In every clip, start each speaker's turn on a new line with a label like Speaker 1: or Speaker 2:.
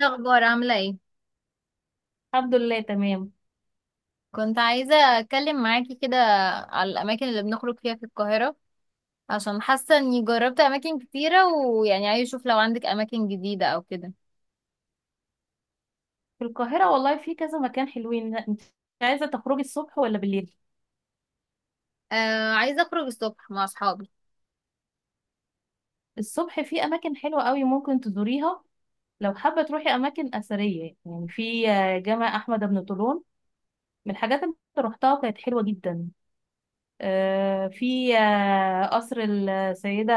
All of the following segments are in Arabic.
Speaker 1: الأخبار عاملة ايه؟
Speaker 2: الحمد لله تمام.
Speaker 1: كنت عايزة أتكلم معاكي كده على الأماكن اللي بنخرج فيها في القاهرة، عشان حاسة إني جربت أماكن كتيرة ويعني عايزة أشوف لو عندك أماكن جديدة أو كده.
Speaker 2: في القاهرة والله في كذا مكان حلوين. انت عايزة تخرجي الصبح ولا بالليل؟
Speaker 1: آه، عايزة أخرج الصبح مع أصحابي.
Speaker 2: الصبح في اماكن حلوة قوي ممكن تزوريها. لو حابة تروحي اماكن اثرية يعني في جامع احمد بن طولون، من الحاجات اللي أنا روحتها وكانت حلوة جدا. في قصر السيدة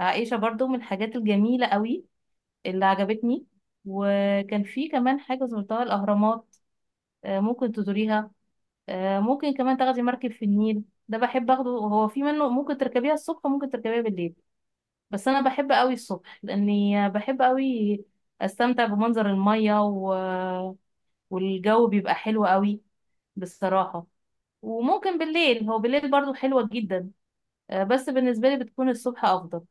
Speaker 2: عائشة برضو من الحاجات الجميلة قوي اللي عجبتني. وكان في كمان حاجة زرتها الاهرامات. ممكن تزوريها. ممكن كمان تاخدي مركب في النيل، ده بحب اخده، هو في منه ممكن تركبيها الصبح وممكن تركبيها بالليل. بس انا بحب قوي الصبح لاني بحب قوي استمتع بمنظر المية والجو بيبقى حلو قوي بصراحة. وممكن بالليل، هو بالليل برضو حلوة جدا. بس بالنسبة لي بتكون الصبح افضل.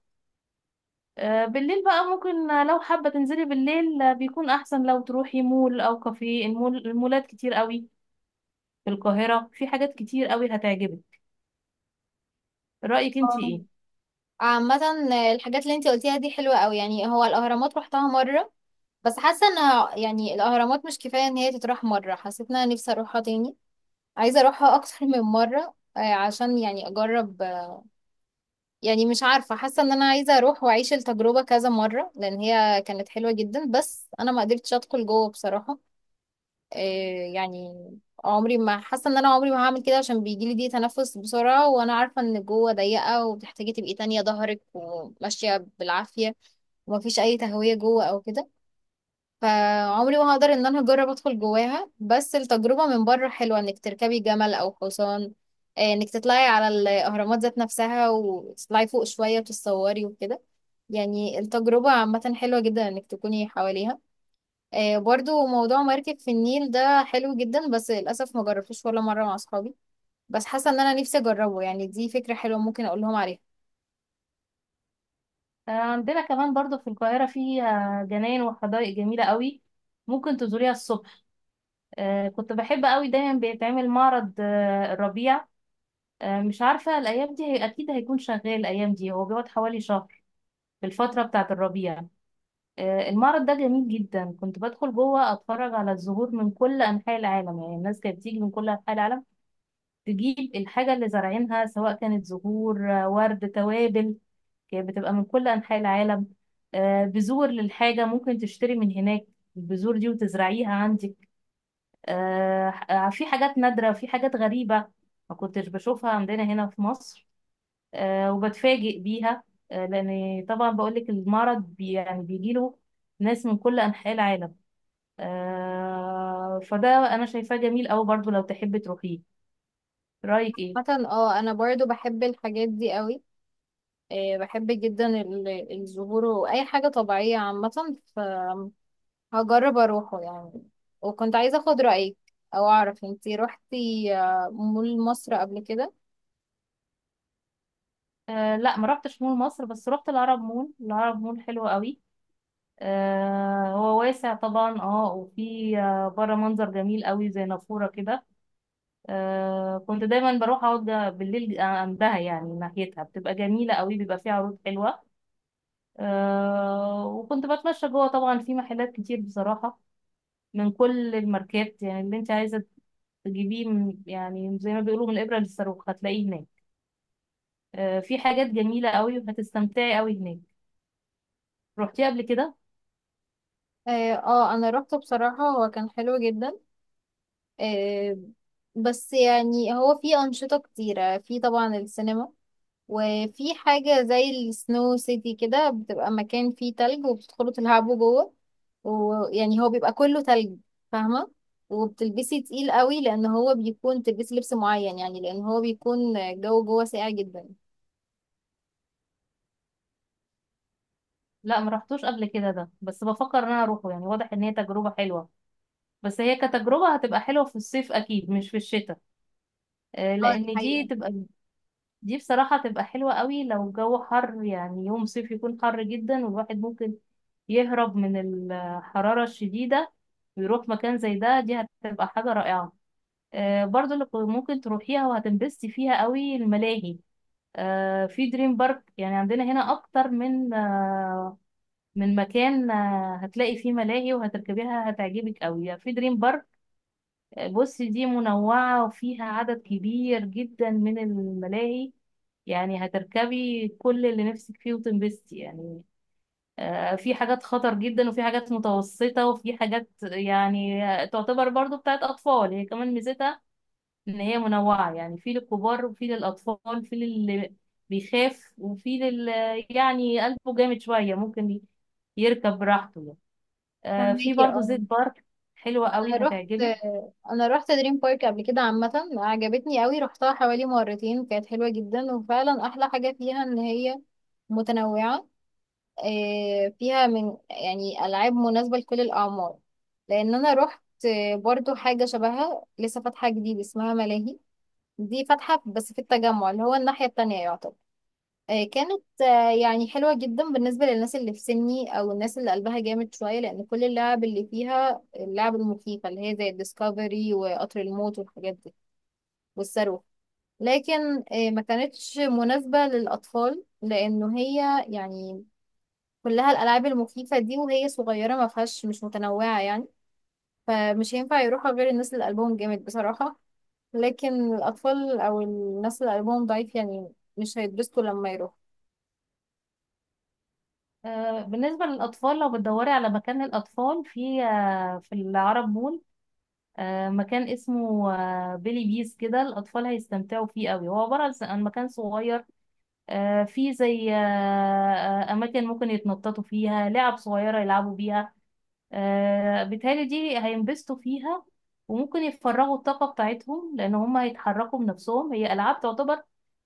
Speaker 2: بالليل بقى ممكن، لو حابة تنزلي بالليل بيكون احسن لو تروحي مول او كافيه، المول، المولات كتير قوي في القاهرة، في حاجات كتير قوي هتعجبك. رأيك انتي
Speaker 1: آه.
Speaker 2: ايه؟
Speaker 1: عامة الحاجات اللي انتي قلتيها دي حلوة قوي، يعني هو الأهرامات روحتها مرة، بس حاسة انها يعني الأهرامات مش كفاية ان هي تتروح مرة. حسيت ان انا نفسي اروحها تاني، عايزة اروحها اكتر من مرة، عشان يعني اجرب. يعني مش عارفة، حاسة ان انا عايزة اروح واعيش التجربة كذا مرة لان هي كانت حلوة جدا، بس انا ما قدرتش ادخل جوه بصراحة. إيه يعني، عمري ما حاسة ان انا عمري ما هعمل كده، عشان بيجيلي دي تنفس بسرعة، وانا عارفة ان جوه ضيقة وبتحتاجي تبقي تانية ظهرك وماشية بالعافية، ومفيش اي تهوية جوه او كده. فعمري ما هقدر ان انا اجرب ادخل جواها، بس التجربة من بره حلوة، انك تركبي جمل او حصان، انك تطلعي على الاهرامات ذات نفسها وتطلعي فوق شوية وتتصوري وكده. يعني التجربة عامة حلوة جدا انك تكوني حواليها. برضو موضوع مركب في النيل ده حلو جدا، بس للأسف ما جربتوش ولا مرة مع اصحابي، بس حاسة ان انا نفسي اجربه، يعني دي فكرة حلوة، ممكن اقول لهم عليها.
Speaker 2: عندنا كمان برضو في القاهرة فيها جناين وحدائق جميلة قوي، ممكن تزوريها الصبح. كنت بحب قوي، دايما بيتعمل معرض الربيع. مش عارفة الأيام دي، هي أكيد هيكون شغال الأيام دي، هو بيقعد حوالي شهر في الفترة بتاعة الربيع. المعرض ده جميل جدا، كنت بدخل جوه أتفرج على الزهور من كل أنحاء العالم، يعني الناس كانت بتيجي من كل أنحاء العالم تجيب الحاجة اللي زارعينها، سواء كانت زهور ورد، توابل، بتبقى من كل أنحاء العالم. بذور للحاجة ممكن تشتري من هناك البذور دي وتزرعيها عندك. في حاجات نادرة وفي حاجات غريبة ما كنتش بشوفها عندنا هنا في مصر، وبتفاجئ بيها. لأن طبعا بقولك، المرض بي يعني بيجيله ناس من كل أنحاء العالم. فده أنا شايفاه جميل أوي، برضو لو تحبي تروحيه. رأيك إيه؟
Speaker 1: مثلا انا برضو بحب الحاجات دي قوي، بحب جدا الزهور واي حاجه طبيعيه عامه، فهجرب اروحه يعني. وكنت عايزه اخد رايك، او اعرف انتي روحتي مول مصر قبل كده؟
Speaker 2: آه لا ما رحتش مول مصر، بس رحت العرب مول. العرب مول حلو قوي، هو واسع طبعا، اه وفي بره منظر جميل قوي زي نافورة كده. كنت دايما بروح اقعد بالليل عندها، يعني ناحيتها بتبقى جميلة قوي، بيبقى فيها عروض حلوة. وكنت بتمشى جوه طبعا، في محلات كتير بصراحة من كل الماركات، يعني اللي انت عايزة تجيبيه يعني زي ما بيقولوا، من الإبرة للصاروخ هتلاقيه هناك. في حاجات جميلة قوي وهتستمتعي قوي هناك. رحتيه قبل كده؟
Speaker 1: اه، انا روحته بصراحه، هو كان حلو جدا. آه، بس يعني هو فيه انشطه كتيره فيه طبعا السينما، وفي حاجة زي السنو سيتي كده، بتبقى مكان فيه تلج وبتدخلوا تلعبوا جوه، ويعني هو بيبقى كله تلج، فاهمة؟ وبتلبسي تقيل قوي، لأن هو بيكون تلبسي لبس معين، يعني لأن هو بيكون الجو جوه ساقع جدا.
Speaker 2: لا ما رحتوش قبل كده ده، بس بفكر ان انا اروحه، يعني واضح ان هي تجربة حلوة. بس هي كتجربة هتبقى حلوة في الصيف أكيد، مش في الشتاء.
Speaker 1: اه، دي
Speaker 2: لأن دي
Speaker 1: حقيقة.
Speaker 2: تبقى، دي بصراحة تبقى حلوة قوي لو الجو حر، يعني يوم صيف يكون حر جدا والواحد ممكن يهرب من الحرارة الشديدة ويروح مكان زي ده، دي هتبقى حاجة رائعة. برضو اللي ممكن تروحيها وهتنبسطي فيها قوي الملاهي. في دريم بارك، يعني عندنا هنا أكتر من من مكان، هتلاقي فيه ملاهي وهتركبيها هتعجبك قوي، يعني في دريم بارك بص دي منوعة وفيها عدد كبير جدا من الملاهي، يعني هتركبي كل اللي نفسك فيه وتنبسطي يعني. في حاجات خطر جدا وفي حاجات متوسطة وفي حاجات يعني تعتبر برضو بتاعت أطفال، هي كمان ميزتها إن هي منوعة، يعني في للكبار وفي للأطفال، في للي بيخاف وفي لل، يعني قلبه جامد شوية ممكن يركب براحته يعني. في
Speaker 1: فهماكي
Speaker 2: برضو زيت
Speaker 1: اه.
Speaker 2: بارك حلوة
Speaker 1: أنا
Speaker 2: قوي
Speaker 1: رحت
Speaker 2: هتعجبك.
Speaker 1: أنا رحت دريم بارك قبل كده، عامة عجبتني قوي، رحتها حوالي مرتين، كانت حلوة جدا، وفعلا أحلى حاجة فيها إن هي متنوعة. فيها من يعني ألعاب مناسبة لكل الأعمار. لأن أنا روحت برضو حاجة شبهها لسه فاتحة جديد، اسمها ملاهي، دي فاتحة بس في التجمع اللي هو الناحية التانية يعتبر. كانت يعني حلوة جدا بالنسبة للناس اللي في سني أو الناس اللي قلبها جامد شوية، لأن كل اللعب اللي فيها اللعب المخيفة اللي هي زي الديسكفري وقطر الموت والحاجات دي، والصاروخ. لكن ما كانتش مناسبة للأطفال، لأنه هي يعني كلها الالعاب المخيفه دي، وهي صغيره ما فيهاش، مش متنوعه يعني. فمش هينفع يروحها غير الناس اللي قلبهم جامد بصراحه، لكن الاطفال او الناس اللي قلبهم ضعيف يعني مش هيتبسطوا لما يروحوا.
Speaker 2: بالنسبة للأطفال، لو بتدوري على مكان للأطفال في في العرب مول مكان اسمه بيلي بيس كده، الأطفال هيستمتعوا فيه قوي، هو عبارة عن مكان صغير فيه زي أماكن ممكن يتنططوا فيها، لعب صغيرة يلعبوا بيها. بالتالي دي هينبسطوا فيها وممكن يفرغوا الطاقة بتاعتهم، لأن هم هيتحركوا بنفسهم، هي ألعاب تعتبر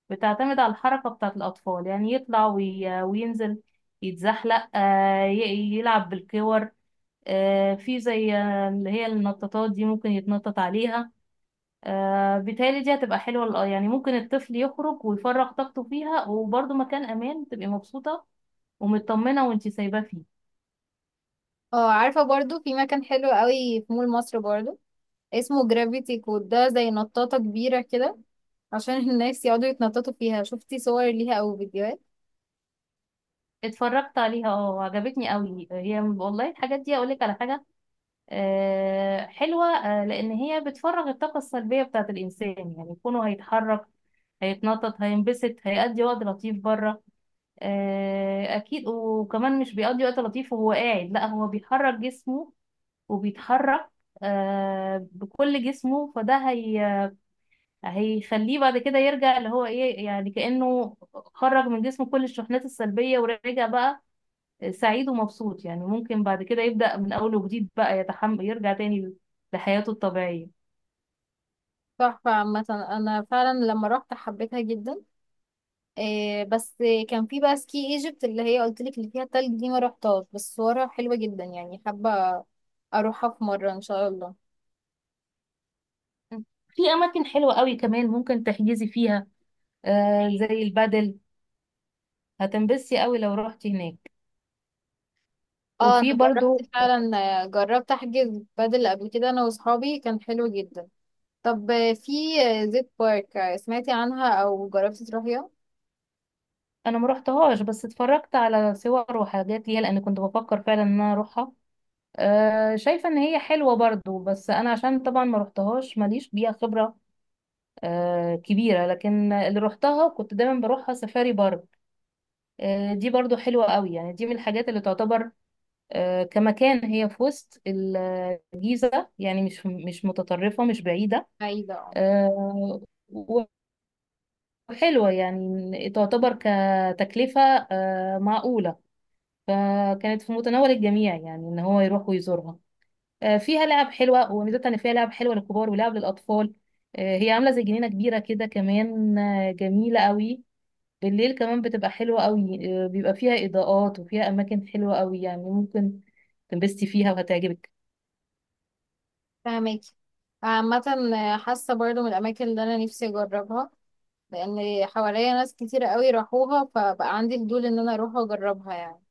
Speaker 2: بتعتمد على الحركة بتاعة الأطفال، يعني يطلع وينزل، يتزحلق، يلعب بالكور. في زي اللي هي النطاطات دي ممكن يتنطط عليها. بالتالي دي هتبقى حلوة يعني ممكن الطفل يخرج ويفرغ طاقته فيها، وبرضه مكان أمان تبقي مبسوطة ومطمنة وانتي سايباه فيه.
Speaker 1: اه، عارفه برضو في مكان حلو قوي في مول مصر برضو، اسمه جرافيتي كود، ده زي نطاطه كبيره كده، عشان الناس يقعدوا يتنططوا فيها. شفتي صور ليها او فيديوهات؟
Speaker 2: اتفرجت عليها اه، عجبتني قوي هي والله. الحاجات دي اقولك على حاجه، حلوه، لان هي بتفرغ الطاقه السلبيه بتاعه الانسان، يعني يكونوا هيتحرك، هيتنطط، هينبسط، هيقضي وقت لطيف بره. اكيد، وكمان مش بيقضي وقت لطيف وهو قاعد، لا هو بيحرك جسمه وبيتحرك بكل جسمه، فده هي هيخليه بعد كده يرجع اللي هو ايه، يعني كأنه خرج من جسمه كل الشحنات السلبية ورجع بقى سعيد ومبسوط، يعني ممكن بعد كده يبدأ من أول وجديد بقى، يتحمل يرجع تاني لحياته الطبيعية.
Speaker 1: تحفه عامه، انا فعلا لما رحت حبيتها جدا. إيه بس، كان في بقى سكي ايجيبت اللي هي قلت لك اللي فيها تلج دي، ما رحتهاش، بس صورها حلوة جدا، يعني حابة اروحها في مرة ان شاء الله.
Speaker 2: في أماكن حلوة قوي كمان ممكن تحجزي فيها، آه زي البادل، هتنبسي قوي لو رحتي هناك.
Speaker 1: اه، انا
Speaker 2: وفي برضو،
Speaker 1: جربت فعلا، جربت احجز بدل قبل كده انا واصحابي، كان حلو جدا. طب في زيت بارك، سمعتي عنها او جربتي تروحيها؟
Speaker 2: أنا ما رحتهاش، بس اتفرجت على صور وحاجات ليها، لأن كنت بفكر فعلا إن أنا أروحها. آه شايفة إن هي حلوة برضو، بس أنا عشان طبعا ما رحتهاش ماليش بيها خبرة آه كبيرة. لكن اللي رحتها كنت دايما بروحها سفاري بارك. دي برضو حلوة قوي، يعني دي من الحاجات اللي تعتبر كمكان، هي في وسط الجيزة، يعني مش مش متطرفة مش بعيدة.
Speaker 1: بعيدة اه.
Speaker 2: آه، وحلوة يعني تعتبر كتكلفة معقولة، فكانت في متناول الجميع يعني ان هو يروح ويزورها. فيها لعب حلوة، وميزتها ان فيها لعب حلوة للكبار ولعب للأطفال. هي عاملة زي جنينة كبيرة كده، كمان جميلة قوي. بالليل كمان بتبقى حلوة قوي، بيبقى فيها إضاءات وفيها أماكن حلوة قوي، يعني ممكن تنبسطي فيها وهتعجبك.
Speaker 1: فهماكي. عامة، حاسة برضو من الاماكن اللي انا نفسي اجربها، لان حواليا ناس كتير قوي راحوها، فبقى عندي فضول ان انا اروح اجربها يعني.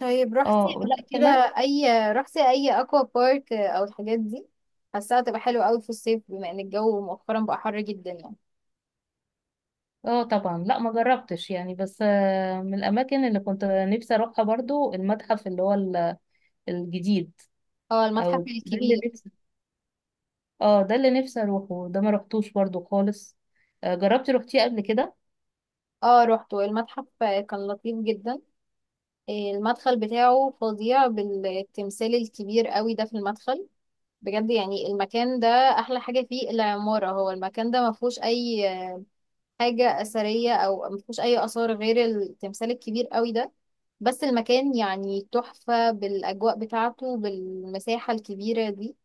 Speaker 1: طيب رحتي
Speaker 2: اه لا
Speaker 1: قبل كده؟
Speaker 2: كمان.
Speaker 1: اي، رحتي اي اكوا بارك او الحاجات دي؟ حاساها تبقى حلوه قوي في الصيف بما ان الجو مؤخرا بقى حر جدا يعني.
Speaker 2: اه طبعا لا ما جربتش، يعني بس من الأماكن اللي كنت نفسي أروحها برضو المتحف اللي هو الجديد.
Speaker 1: اه،
Speaker 2: أو
Speaker 1: المتحف
Speaker 2: ده اللي
Speaker 1: الكبير.
Speaker 2: نفسي، اه ده اللي نفسي أروحه، ده ما روحتوش برضو خالص. جربتي روحتيه قبل كده؟
Speaker 1: اه، روحته المتحف كان لطيف جدا. إيه، المدخل بتاعه فظيع بالتمثال الكبير قوي ده في المدخل، بجد. يعني المكان ده احلى حاجه فيه العماره، هو المكان ده ما فيهوش اي حاجة أثرية أو ما فيهوش أي آثار غير التمثال الكبير قوي ده، بس المكان يعني تحفة بالأجواء بتاعته بالمساحة الكبيرة دي.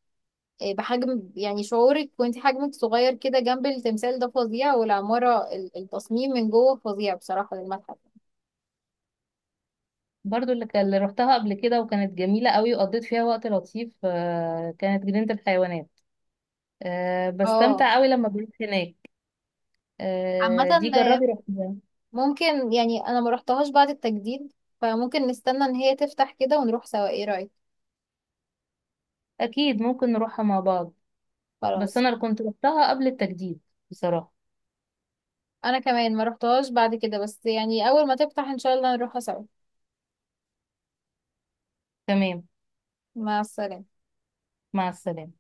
Speaker 1: إيه، بحجم يعني شعورك وانت حجمك صغير كده جنب التمثال ده فظيع، والعمارة التصميم من جوه فظيع بصراحة للمتحف.
Speaker 2: برضو اللي روحتها قبل كده وكانت جميلة قوي، وقضيت فيها وقت لطيف كانت جنينة الحيوانات.
Speaker 1: اه،
Speaker 2: بستمتع قوي لما بروح هناك.
Speaker 1: عامة،
Speaker 2: دي
Speaker 1: آه،
Speaker 2: جربي روحيها.
Speaker 1: ممكن يعني، أنا ما رحتهاش بعد التجديد، فممكن نستنى إن هي تفتح كده ونروح سوا. ايه رأيك؟
Speaker 2: اكيد ممكن نروحها مع بعض، بس
Speaker 1: خلاص.
Speaker 2: انا اللي كنت روحتها قبل التجديد بصراحة.
Speaker 1: أنا كمان ما رحتهاش بعد كده، بس يعني أول ما تفتح إن شاء الله نروحها سوا.
Speaker 2: تمام.
Speaker 1: مع السلامة.
Speaker 2: مع السلامة.